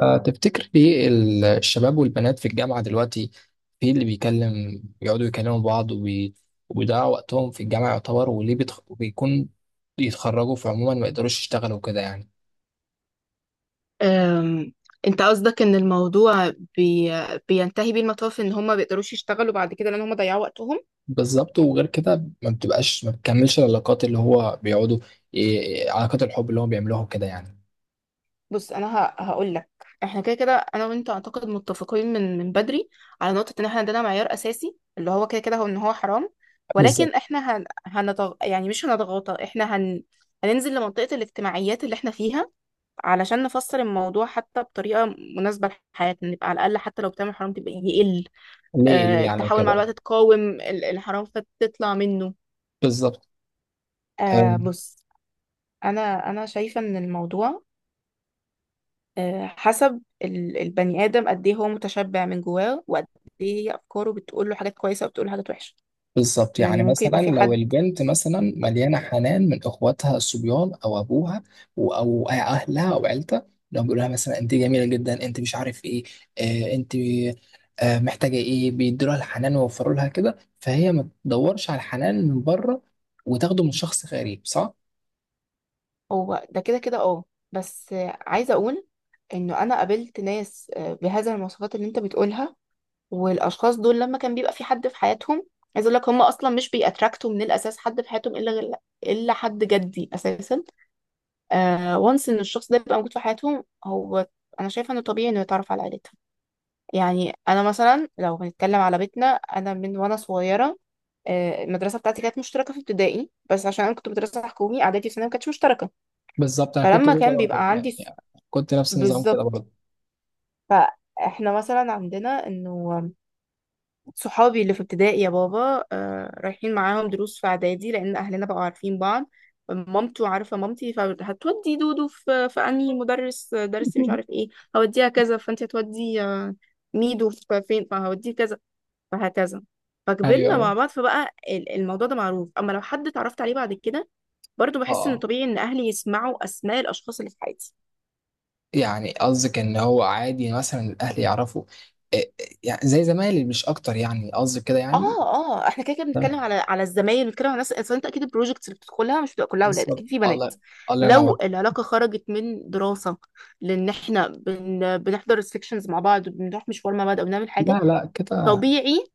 تفتكر ليه الشباب والبنات في الجامعة دلوقتي في اللي بيكلم بيقعدوا يكلموا بعض وبيضيعوا وقتهم في الجامعة يعتبر، وليه بيكون يتخرجوا فعموما ما يقدروش يشتغلوا كده يعني؟ أم، انت قصدك ان الموضوع بينتهي بيه المطاف ان هم ما بيقدروش يشتغلوا بعد كده لان هم ضيعوا وقتهم. بالظبط، وغير كده ما بتكملش العلاقات، اللي هو بيقعدوا علاقات الحب اللي هو بيعملوها كده يعني. بص انا هقول لك، احنا كده كده انا وانت اعتقد متفقين من بدري على نقطة ان احنا عندنا معيار اساسي اللي هو كده كده هو ان هو حرام، بالظبط. ولكن احنا يعني مش هنضغطه، احنا هننزل لمنطقة الاجتماعيات اللي احنا فيها علشان نفسر الموضوع حتى بطريقة مناسبة لحياتنا، نبقى على الأقل حتى لو بتعمل حرام تبقى يقل. ليه ليه يعني تحاول مع وكده. الوقت تقاوم الانحراف فتطلع منه. بالظبط. آه. بص، انا شايفه ان الموضوع حسب البني ادم قد ايه هو متشبع من جواه، وقد ايه هي افكاره، بتقول له حاجات كويسه وبتقول له حاجات وحشه. بالظبط، يعني يعني ممكن مثلا يبقى في لو حد. البنت مثلا مليانه حنان من اخواتها الصبيان او ابوها او اهلها او عيلتها، لو بيقولوا لها مثلا انت جميله جدا، انت مش عارف ايه، آه انت آه محتاجه ايه، بيدوا لها الحنان ويوفروا لها كده، فهي ما تدورش على الحنان من بره وتاخده من شخص غريب، صح؟ هو ده كده كده اه. بس عايزه اقول انه انا قابلت ناس بهذه المواصفات اللي انت بتقولها، والاشخاص دول لما كان بيبقى في حد في حياتهم، عايز اقول لك هم اصلا مش بيأتراكتوا من الاساس حد في حياتهم الا الا حد جدي اساسا. وانس ان الشخص ده يبقى موجود في حياتهم، هو انا شايفه انه طبيعي انه يتعرف على عيلتهم. يعني انا مثلا لو بنتكلم على بيتنا، انا من وانا صغيره، المدرسه بتاعتي كانت مشتركه في ابتدائي، بس عشان انا كنت مدرسه حكومي، اعدادي وثانوي ما كانتش مشتركه. بالظبط، انا كنت فلما كده كان برضه بيبقى عندي يعني، كنت نفس النظام كده بالظبط. برضه. فاحنا مثلا عندنا انه صحابي اللي في ابتدائي يا بابا آه رايحين معاهم دروس في اعدادي، لان اهلنا بقوا عارفين بعض، مامته عارفه مامتي، فهتودي دودو في انهي مدرس، درس مش عارف ايه، هوديها كذا، فانت هتودي ميدو في فين، فهوديه كذا، فهكذا. ايوه، فكبرنا أيوة. مع بعض، فبقى الموضوع ده معروف. اما لو حد اتعرفت عليه بعد كده، برضو بحس ان اه. طبيعي ان اهلي يسمعوا اسماء الاشخاص اللي في حياتي. يعني قصدك ان هو عادي مثلا الاهل يعرفوا إيه- يعني زي زمايلي مش اكتر، يعني قصدك كده اه يعني. اه، احنا كده كده بنتكلم تمام، على الزمايل، بنتكلم على الناس، اصل انت اكيد البروجكتس اللي بتدخلها مش بتبقى كلها اولاد، بالظبط. اكيد في بنات. الله، الله ينور. لو العلاقه خرجت من دراسه، لان احنا بنحضر السكشنز مع بعض، وبنروح مشوار مع بعض، او بنعمل لا حاجه، لا كده. طبيعي.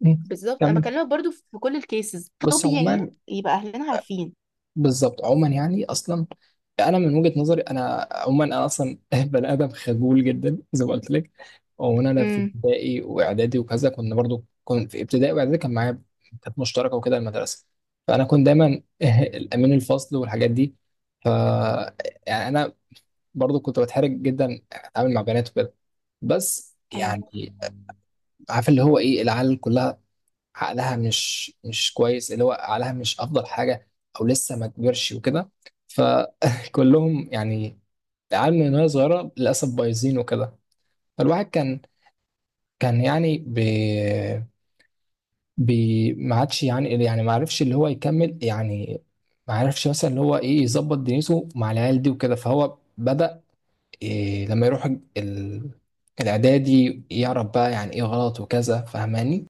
مم. بالظبط، انا كمل. بكلمك برضو في كل الكيسز بس طبيعي، عموما يبقى اهلنا عارفين. بالظبط، عموما يعني اصلا، انا من وجهة نظري، انا عموما انا اصلا بني ادم خجول جدا زي ما قلت لك. وانا في امم. ابتدائي واعدادي وكذا كنا برضو، كنت في ابتدائي واعدادي كان معايا، كانت مشتركه وكده المدرسه. فانا كنت دايما الامين الفصل والحاجات دي. ف، يعني انا برضو كنت بتحرج جدا اتعامل مع بنات وكده. بس يعني عارف اللي هو ايه، العيال كلها عقلها مش كويس، اللي هو عقلها مش افضل حاجه، او لسه ما كبرش وكده. فكلهم يعني العيال من وهي صغيره للاسف بايظين وكده. فالواحد كان يعني بي ما عادش يعني، يعني ما عرفش اللي هو يكمل يعني، ما عرفش مثلا اللي هو ايه يظبط دنيته مع العيال دي وكده. فهو بدأ إيه لما يروح ال... الاعدادي يعرف بقى يعني ايه غلط وكذا، فاهماني؟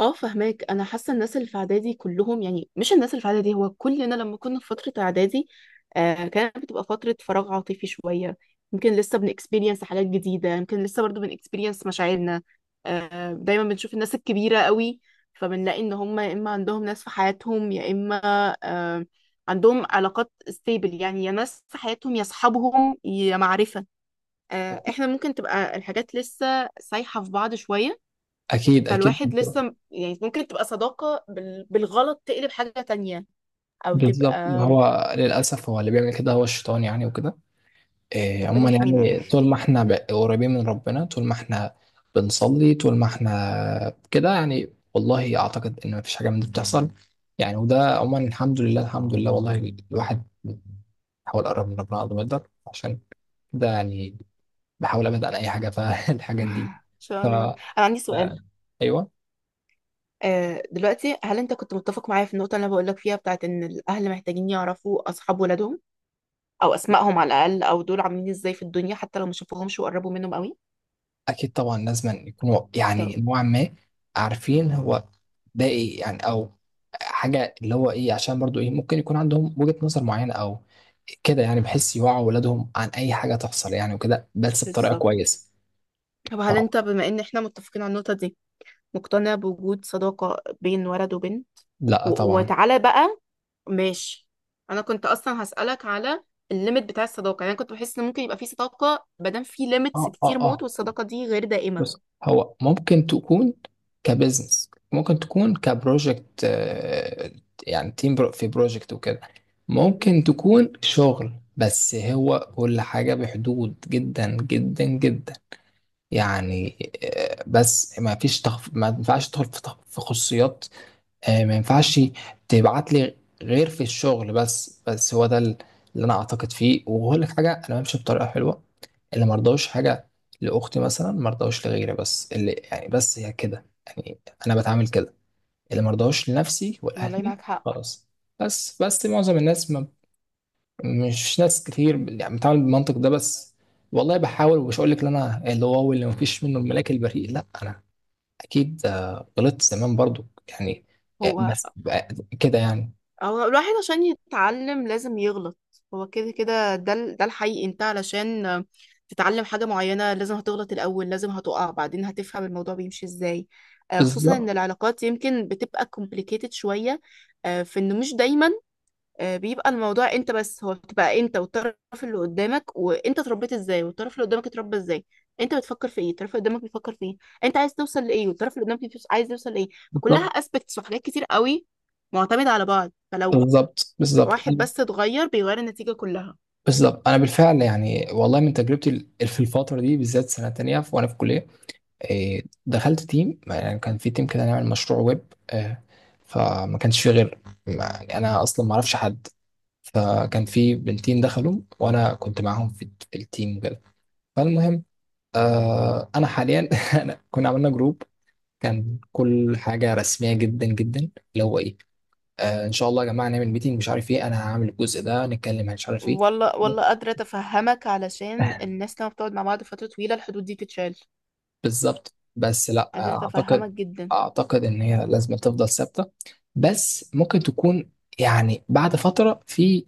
اه فهماك. انا حاسه الناس اللي في اعدادي كلهم، يعني مش الناس اللي في اعدادي، هو كلنا لما كنا في فتره اعدادي، آه كانت بتبقى فتره فراغ عاطفي شويه، يمكن لسه بنكسبيرينس حاجات جديده، يمكن لسه برضو بنكسبيرينس مشاعرنا. آه دايما بنشوف الناس الكبيره قوي، فبنلاقي ان هم يا اما عندهم ناس في حياتهم، يا اما آه عندهم علاقات ستيبل، يعني يا ناس في حياتهم، يا اصحابهم، يا معرفه. آه احنا ممكن تبقى الحاجات لسه سايحه في بعض شويه. اكيد اكيد فالواحد لسه يعني ممكن تبقى صداقة بالغلط تقلب حاجة تانية، أو تبقى. بالظبط. ما هو للأسف هو اللي بيعمل كده هو الشيطان يعني وكده. إيه، ربنا عموما يحمينا يعني طول ما احنا قريبين من ربنا، طول ما احنا بنصلي، طول ما احنا كده يعني، والله أعتقد إن مفيش حاجة من دي بتحصل يعني. وده عموما الحمد لله، الحمد لله، والله الواحد بيحاول يقرب من ربنا قد ما يقدر عشان كده يعني، بحاول أبعد عن أي حاجة فالحاجات دي. إن ف، شاء الله. آه، أنا عندي سؤال. أيوه. دلوقتي، هل أنت كنت متفق معايا في النقطة اللي أنا بقولك فيها، بتاعت إن الأهل محتاجين يعرفوا أصحاب ولادهم أو أسمائهم على الأقل، أو دول عاملين إزاي في الدنيا، حتى لو ما شافوهمش وقربوا منهم قوي؟ اكيد طبعا، لازم يكونوا يعني طب نوعا ما عارفين هو ده ايه يعني، او حاجه اللي هو ايه، عشان برضو ايه ممكن يكون عندهم وجهه نظر معينه او كده يعني، بحيث يوعوا ولادهم عن اي حاجه تحصل يعني وكده، بس بطريقه بالظبط. كويسه. طب هل آه، أنت بما إن إحنا متفقين على النقطة دي، مقتنع بوجود صداقة بين ولد وبنت؟ لا طبعا. وتعالى بقى. ماشي. انا كنت اصلا هسألك على الليميت بتاع الصداقة. يعني أنا كنت بحس ان ممكن يبقى في صداقة مادام في ليميتس اه اه كتير موت، اه، والصداقة دي غير دائمة. بس هو ممكن تكون كبزنس، ممكن تكون كبروجكت، آه، يعني تيم برو في بروجكت وكده، مم. ممكن تكون شغل، بس هو كل حاجة بحدود جدا جدا جدا يعني. آه، بس ما فيش ما ينفعش تدخل في في خصوصيات، آه، ما ينفعش تبعت لي غير في الشغل بس. بس هو ده اللي انا اعتقد فيه. وهقول لك حاجه، انا بمشي بطريقه حلوه، اللي مرضاش حاجه لاختي مثلا مرضاش لغيري، بس اللي يعني، بس هي كده يعني، انا بتعامل كده، اللي مرضاش لنفسي والله ولاهلي. معاك حق. خلاص. بس معظم الناس ما، مش ناس كتير يعني بتعامل بالمنطق ده. بس والله بحاول، ومش هقول لك ان انا اللي واو، اللي مفيش منه، الملاك البريء، لا، انا اكيد آه، غلطت زمان برضو يعني، آه، هو بس آه، كده يعني. هو الواحد عشان يتعلم لازم يغلط. هو كده كده ده ده الحقيقي. انت علشان تتعلم حاجة معينة لازم هتغلط الأول، لازم هتقع، بعدين هتفهم الموضوع بيمشي ازاي. خصوصا ان بالظبط العلاقات يمكن بتبقى complicated شوية. في انه مش دايما بيبقى الموضوع انت بس، هو بتبقى انت والطرف اللي قدامك، وانت اتربيت ازاي، والطرف اللي قدامك اتربى ازاي، انت بتفكر في ايه، الطرف اللي قدامك بيفكر في ايه، انت عايز توصل لايه، والطرف اللي قدامك عايز يوصل لايه. فكلها بالظبط. اسبكتس وحاجات كتير قوي معتمدة على بعض. فلو بالظبط بالظبط. واحد انا بس اتغير بيغير النتيجة كلها. بالظبط، انا بالفعل يعني والله، من تجربتي في الفتره دي بالذات سنه تانية وانا في كليه، آه، دخلت تيم، يعني كان في تيم كده نعمل مشروع ويب، آه، فما كانش فيه غير، يعني انا اصلا ما اعرفش حد، فكان في بنتين دخلوا وانا كنت معاهم في التيم وكده. فالمهم آه، انا حاليا، انا كنا عملنا جروب، كان كل حاجة رسمية جدا جدا، اللي هو ايه آه ان شاء الله يا جماعة نعمل ميتنج، مش عارف ايه، انا هعمل الجزء ده، نتكلم عن مش عارف ايه. والله والله قادرة أتفهمك، علشان الناس لما بتقعد مع بعض فترة طويلة الحدود دي تتشال. بالظبط، بس لا، قادرة أتفهمك اعتقد جدا. اعتقد ان هي لازم تفضل ثابتة، بس ممكن تكون يعني بعد فترة في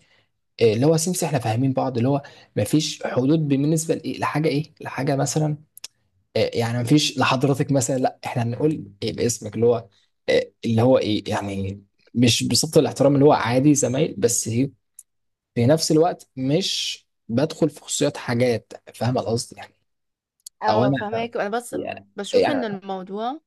آه، اللي هو سمسم، احنا فاهمين بعض، اللي هو مفيش حدود بالنسبة لايه، لحاجة ايه، لحاجة مثلا آه، يعني مفيش لحضرتك مثلا، لا احنا هنقول إيه باسمك، اللي هو آه، اللي هو ايه يعني، مش بصفة الاحترام، اللي هو عادي زمايل، بس إيه، في نفس الوقت مش بدخل في خصوصيات حاجات، فاهم القصد يعني؟ او اه انا فهماك. أنا بس يعني بشوف إن يعني، الموضوع،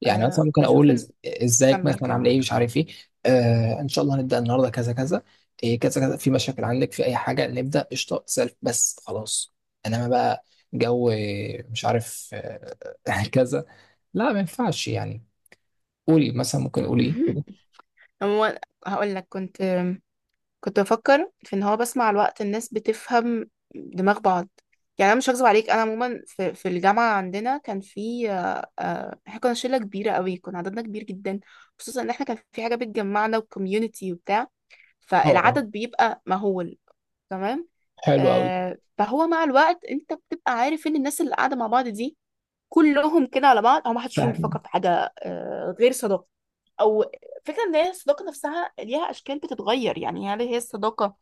يعني مثلا آه ممكن بشوف اقول إن، ازيك كمل مثلا، عامل كمل. ايه، مش عارف ايه، آه ان شاء الله هنبدا النهارده كذا كذا، إيه كذا كذا، في مشاكل عندك في اي حاجه، نبدا قشطه، تسال بس خلاص. انما بقى جو آه، مش عارف آه، كذا، لا ما ينفعش يعني. قولي مثلا، ممكن قولي ايه قولي. هو هقول لك، كنت كنت بفكر في ان هو بس مع الوقت الناس بتفهم دماغ بعض. يعني انا مش هكذب عليك، انا عموما في الجامعه عندنا كان في احنا كنا شله كبيره قوي، كنا عددنا كبير جدا، خصوصا ان احنا كان في حاجه بتجمعنا وكوميونتي وبتاع، اه اه. فالعدد بيبقى مهول. تمام. حلو قوي. فهو مع الوقت انت بتبقى عارف ان الناس اللي قاعده مع بعض دي كلهم كده على بعض، او ما حدش فيهم بيفكر فاهم. في حاجه غير صداقه. او فكره ان هي الصداقه نفسها ليها اشكال بتتغير، يعني هل هي الصداقه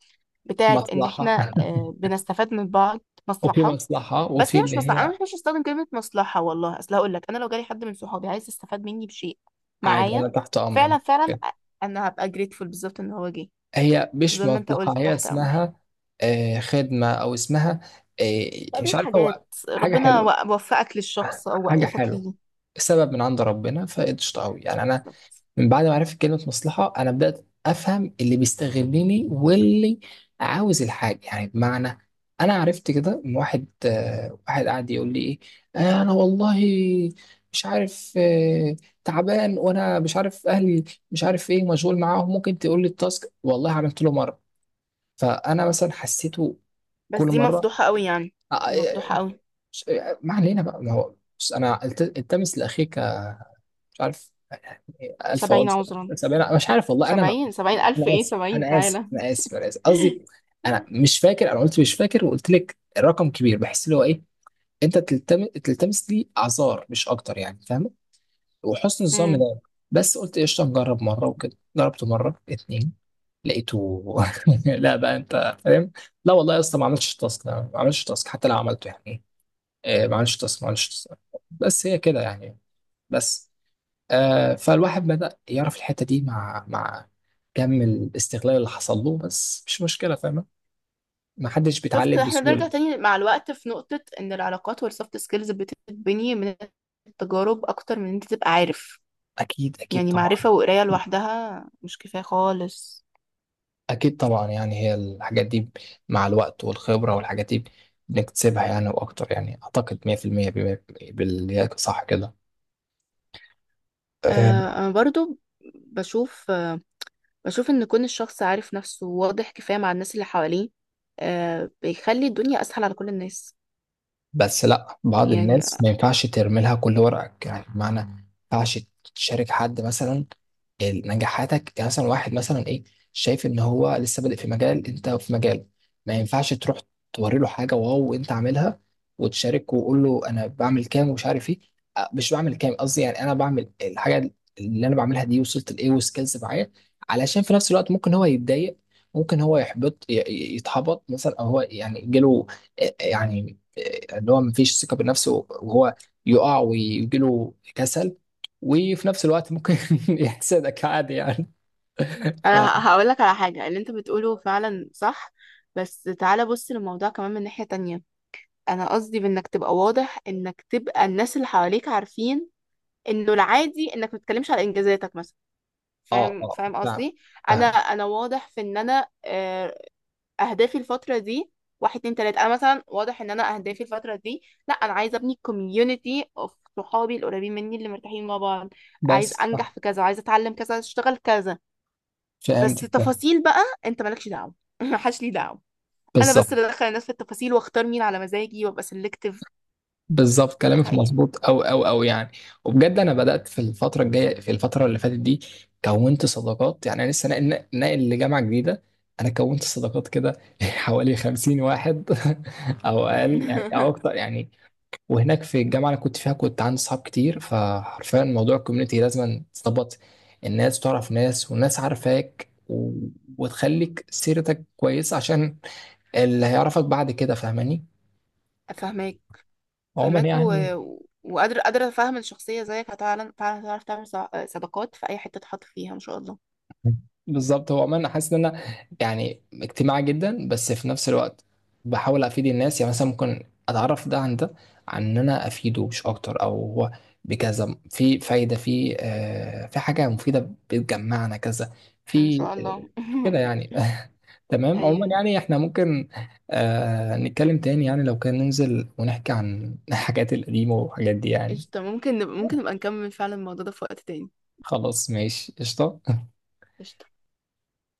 بتاعت ان مصلحه. احنا بنستفاد من بعض، وفي مصلحه. مصلحه بس وفي هي اللي مش مصلحه، هي انا مش هستخدم كلمه مصلحه والله، اصل هقول لك انا لو جالي حد من صحابي عايز يستفاد مني بشيء عادي، معايا، انا تحت امرك. فعلا فعلا انا هبقى جريتفول بالظبط ان هو جه. هي مش زي ما انت مصلحة، قلت، هي تحت امر. اسمها آه، خدمة، أو اسمها آه، مش فقضية عارف هو حاجات، حاجة ربنا حلوة، وفقك للشخص او حاجة وقفك حلوة، ليه. السبب من عند ربنا فقشطة أوي يعني. أنا بالظبط. من بعد ما عرفت كلمة مصلحة، أنا بدأت أفهم اللي بيستغلني واللي عاوز الحاجة، يعني بمعنى أنا عرفت كده من واحد آه، واحد قاعد يقول لي إيه آه، أنا والله مش عارف آه، تعبان وأنا مش عارف أهلي، مش عارف إيه، مشغول معاهم، ممكن تقول لي التاسك؟ والله عملت له مرة. فانا مثلا حسيته بس كل دي مره مفضوحه قوي يعني. دي آه، مفضوحه قوي. ش- ما علينا بقى، ما هو بس انا التمس لاخيك، مش عارف، الف عذر، سبعين عذرا. سبعين مش عارف والله انا ما، سبعين سبعين ألف انا إيه اسف سبعين، انا اسف تعالى. انا اسف قصدي، انا مش فاكر، انا قلت مش فاكر وقلت لك رقم كبير، بحس اللي هو ايه، انت تلتمس، تلتمس لي اعذار مش اكتر يعني، فاهم؟ وحسن الظن امم. ده، بس قلت قشطه نجرب مره وكده، جربت مره اتنين لقيته لا بقى انت فاهم. لا والله يا اسطى ما عملتش تاسك، ما عملتش تاسك، حتى لو عملته يعني، آه، ما عملتش تاسك، ما عملتش تاسك، بس هي كده يعني. بس آه، فالواحد بدأ يعرف الحتة دي مع كم الاستغلال اللي حصل له، بس مش مشكلة، فاهمة؟ ما حدش شفت، بيتعلم احنا بنرجع بسهولة. تاني مع الوقت في نقطة ان العلاقات والسوفت سكيلز بتتبني من التجارب اكتر من ان انت تبقى عارف. أكيد أكيد يعني طبعا. معرفة وقراية لوحدها مش كفاية خالص. أكيد طبعا، يعني هي الحاجات دي مع الوقت والخبرة والحاجات دي بنكتسبها يعني، وأكتر يعني، أعتقد 100% بما-، باللي هي صح كده آه آه، انا برضو بشوف، آه بشوف ان كون الشخص عارف نفسه واضح كفاية مع الناس اللي حواليه، آه بيخلي الدنيا اسهل على كل الناس. بس لا بعض يعني الناس ما ينفعش ترمي لها كل ورقك، يعني بمعنى ما ينفعش تشارك حد مثلا نجاحاتك، يعني مثلا واحد مثلا ايه، شايف ان هو لسه بادئ في مجال انت في مجال، ما ينفعش تروح توري له حاجه واو انت عاملها، وتشارك وقول له انا بعمل كام، ومش عارف ايه، أه، مش بعمل كام قصدي، يعني انا بعمل الحاجه اللي انا بعملها دي، وصلت لايه، وسكيلز معايا، علشان في نفس الوقت ممكن هو يتضايق، ممكن هو يحبط، يتحبط مثلا، او هو يعني جاله يعني آه، اللي هو مفيش ثقة بنفسه، وهو يقع ويجيله كسل، وفي نفس الوقت ممكن يحسدك عادي يعني. انا ف، هقول لك على حاجة، اللي انت بتقوله فعلا صح، بس تعالى بص للموضوع كمان من ناحية تانية. انا قصدي بانك تبقى واضح، انك تبقى الناس اللي حواليك عارفين انه العادي، انك ما تتكلمش على انجازاتك مثلا. اه فاهم اه، فاهم فاهم قصدي. انا فاهم. انا واضح في ان انا اهدافي الفتره دي واحد اتنين تلاته. انا مثلا واضح ان انا اهدافي الفتره دي، لا انا عايزه ابني كوميونتي اوف صحابي القريبين مني اللي مرتاحين مع بعض، عايز بس صح. انجح في كذا، عايزه اتعلم كذا، عايزه اشتغل كذا. بس فهمت. تفاصيل بقى انت مالكش دعوه محدش ليه دعوه. انا بالظبط بس اللي ادخل الناس في التفاصيل واختار مين على مزاجي وابقى سيلكتيف. بالظبط ده كلامك حقيقي. مظبوط، او او او يعني. وبجد انا بدات في الفتره الجايه، في الفتره اللي فاتت دي كونت صداقات، يعني انا لسه ناقل لجامعه جديده، انا كونت صداقات كده حوالي 50 واحد، او اقل يعني او اكتر يعني. وهناك في الجامعه اللي كنت فيها كنت عندي صحاب كتير، فحرفيا موضوع الكوميونتي لازم تظبط، الناس تعرف ناس والناس عارفاك و... وتخليك سيرتك كويسه عشان اللي هيعرفك بعد كده، فاهماني؟ فهماك عموما فهماك يعني وقادرة قادرة أفهم الشخصية زيك هتعلم فعلا، هتعرف تعمل صداقات في أي حتة تحط فيها إن شاء الله. بالظبط، هو عموما انا حاسس ان انا يعني اجتماعي جدا، بس في نفس الوقت بحاول افيد الناس، يعني مثلا ممكن اتعرف ده عن ده، عن ان انا افيده مش اكتر، او هو بكذا في فايده، في آه في حاجه مفيده بتجمعنا كذا، إن في شاء آه الله. كده يعني. تمام، عموما أيوه. يعني احنا ممكن آه نتكلم تاني، يعني لو كان ننزل ونحكي عن الحاجات القديمه والحاجات دي يعني. قشطة، ممكن نبقى ممكن نبقى نكمل فعلا الموضوع ده في وقت تاني. خلاص ماشي قشطه. قشطة.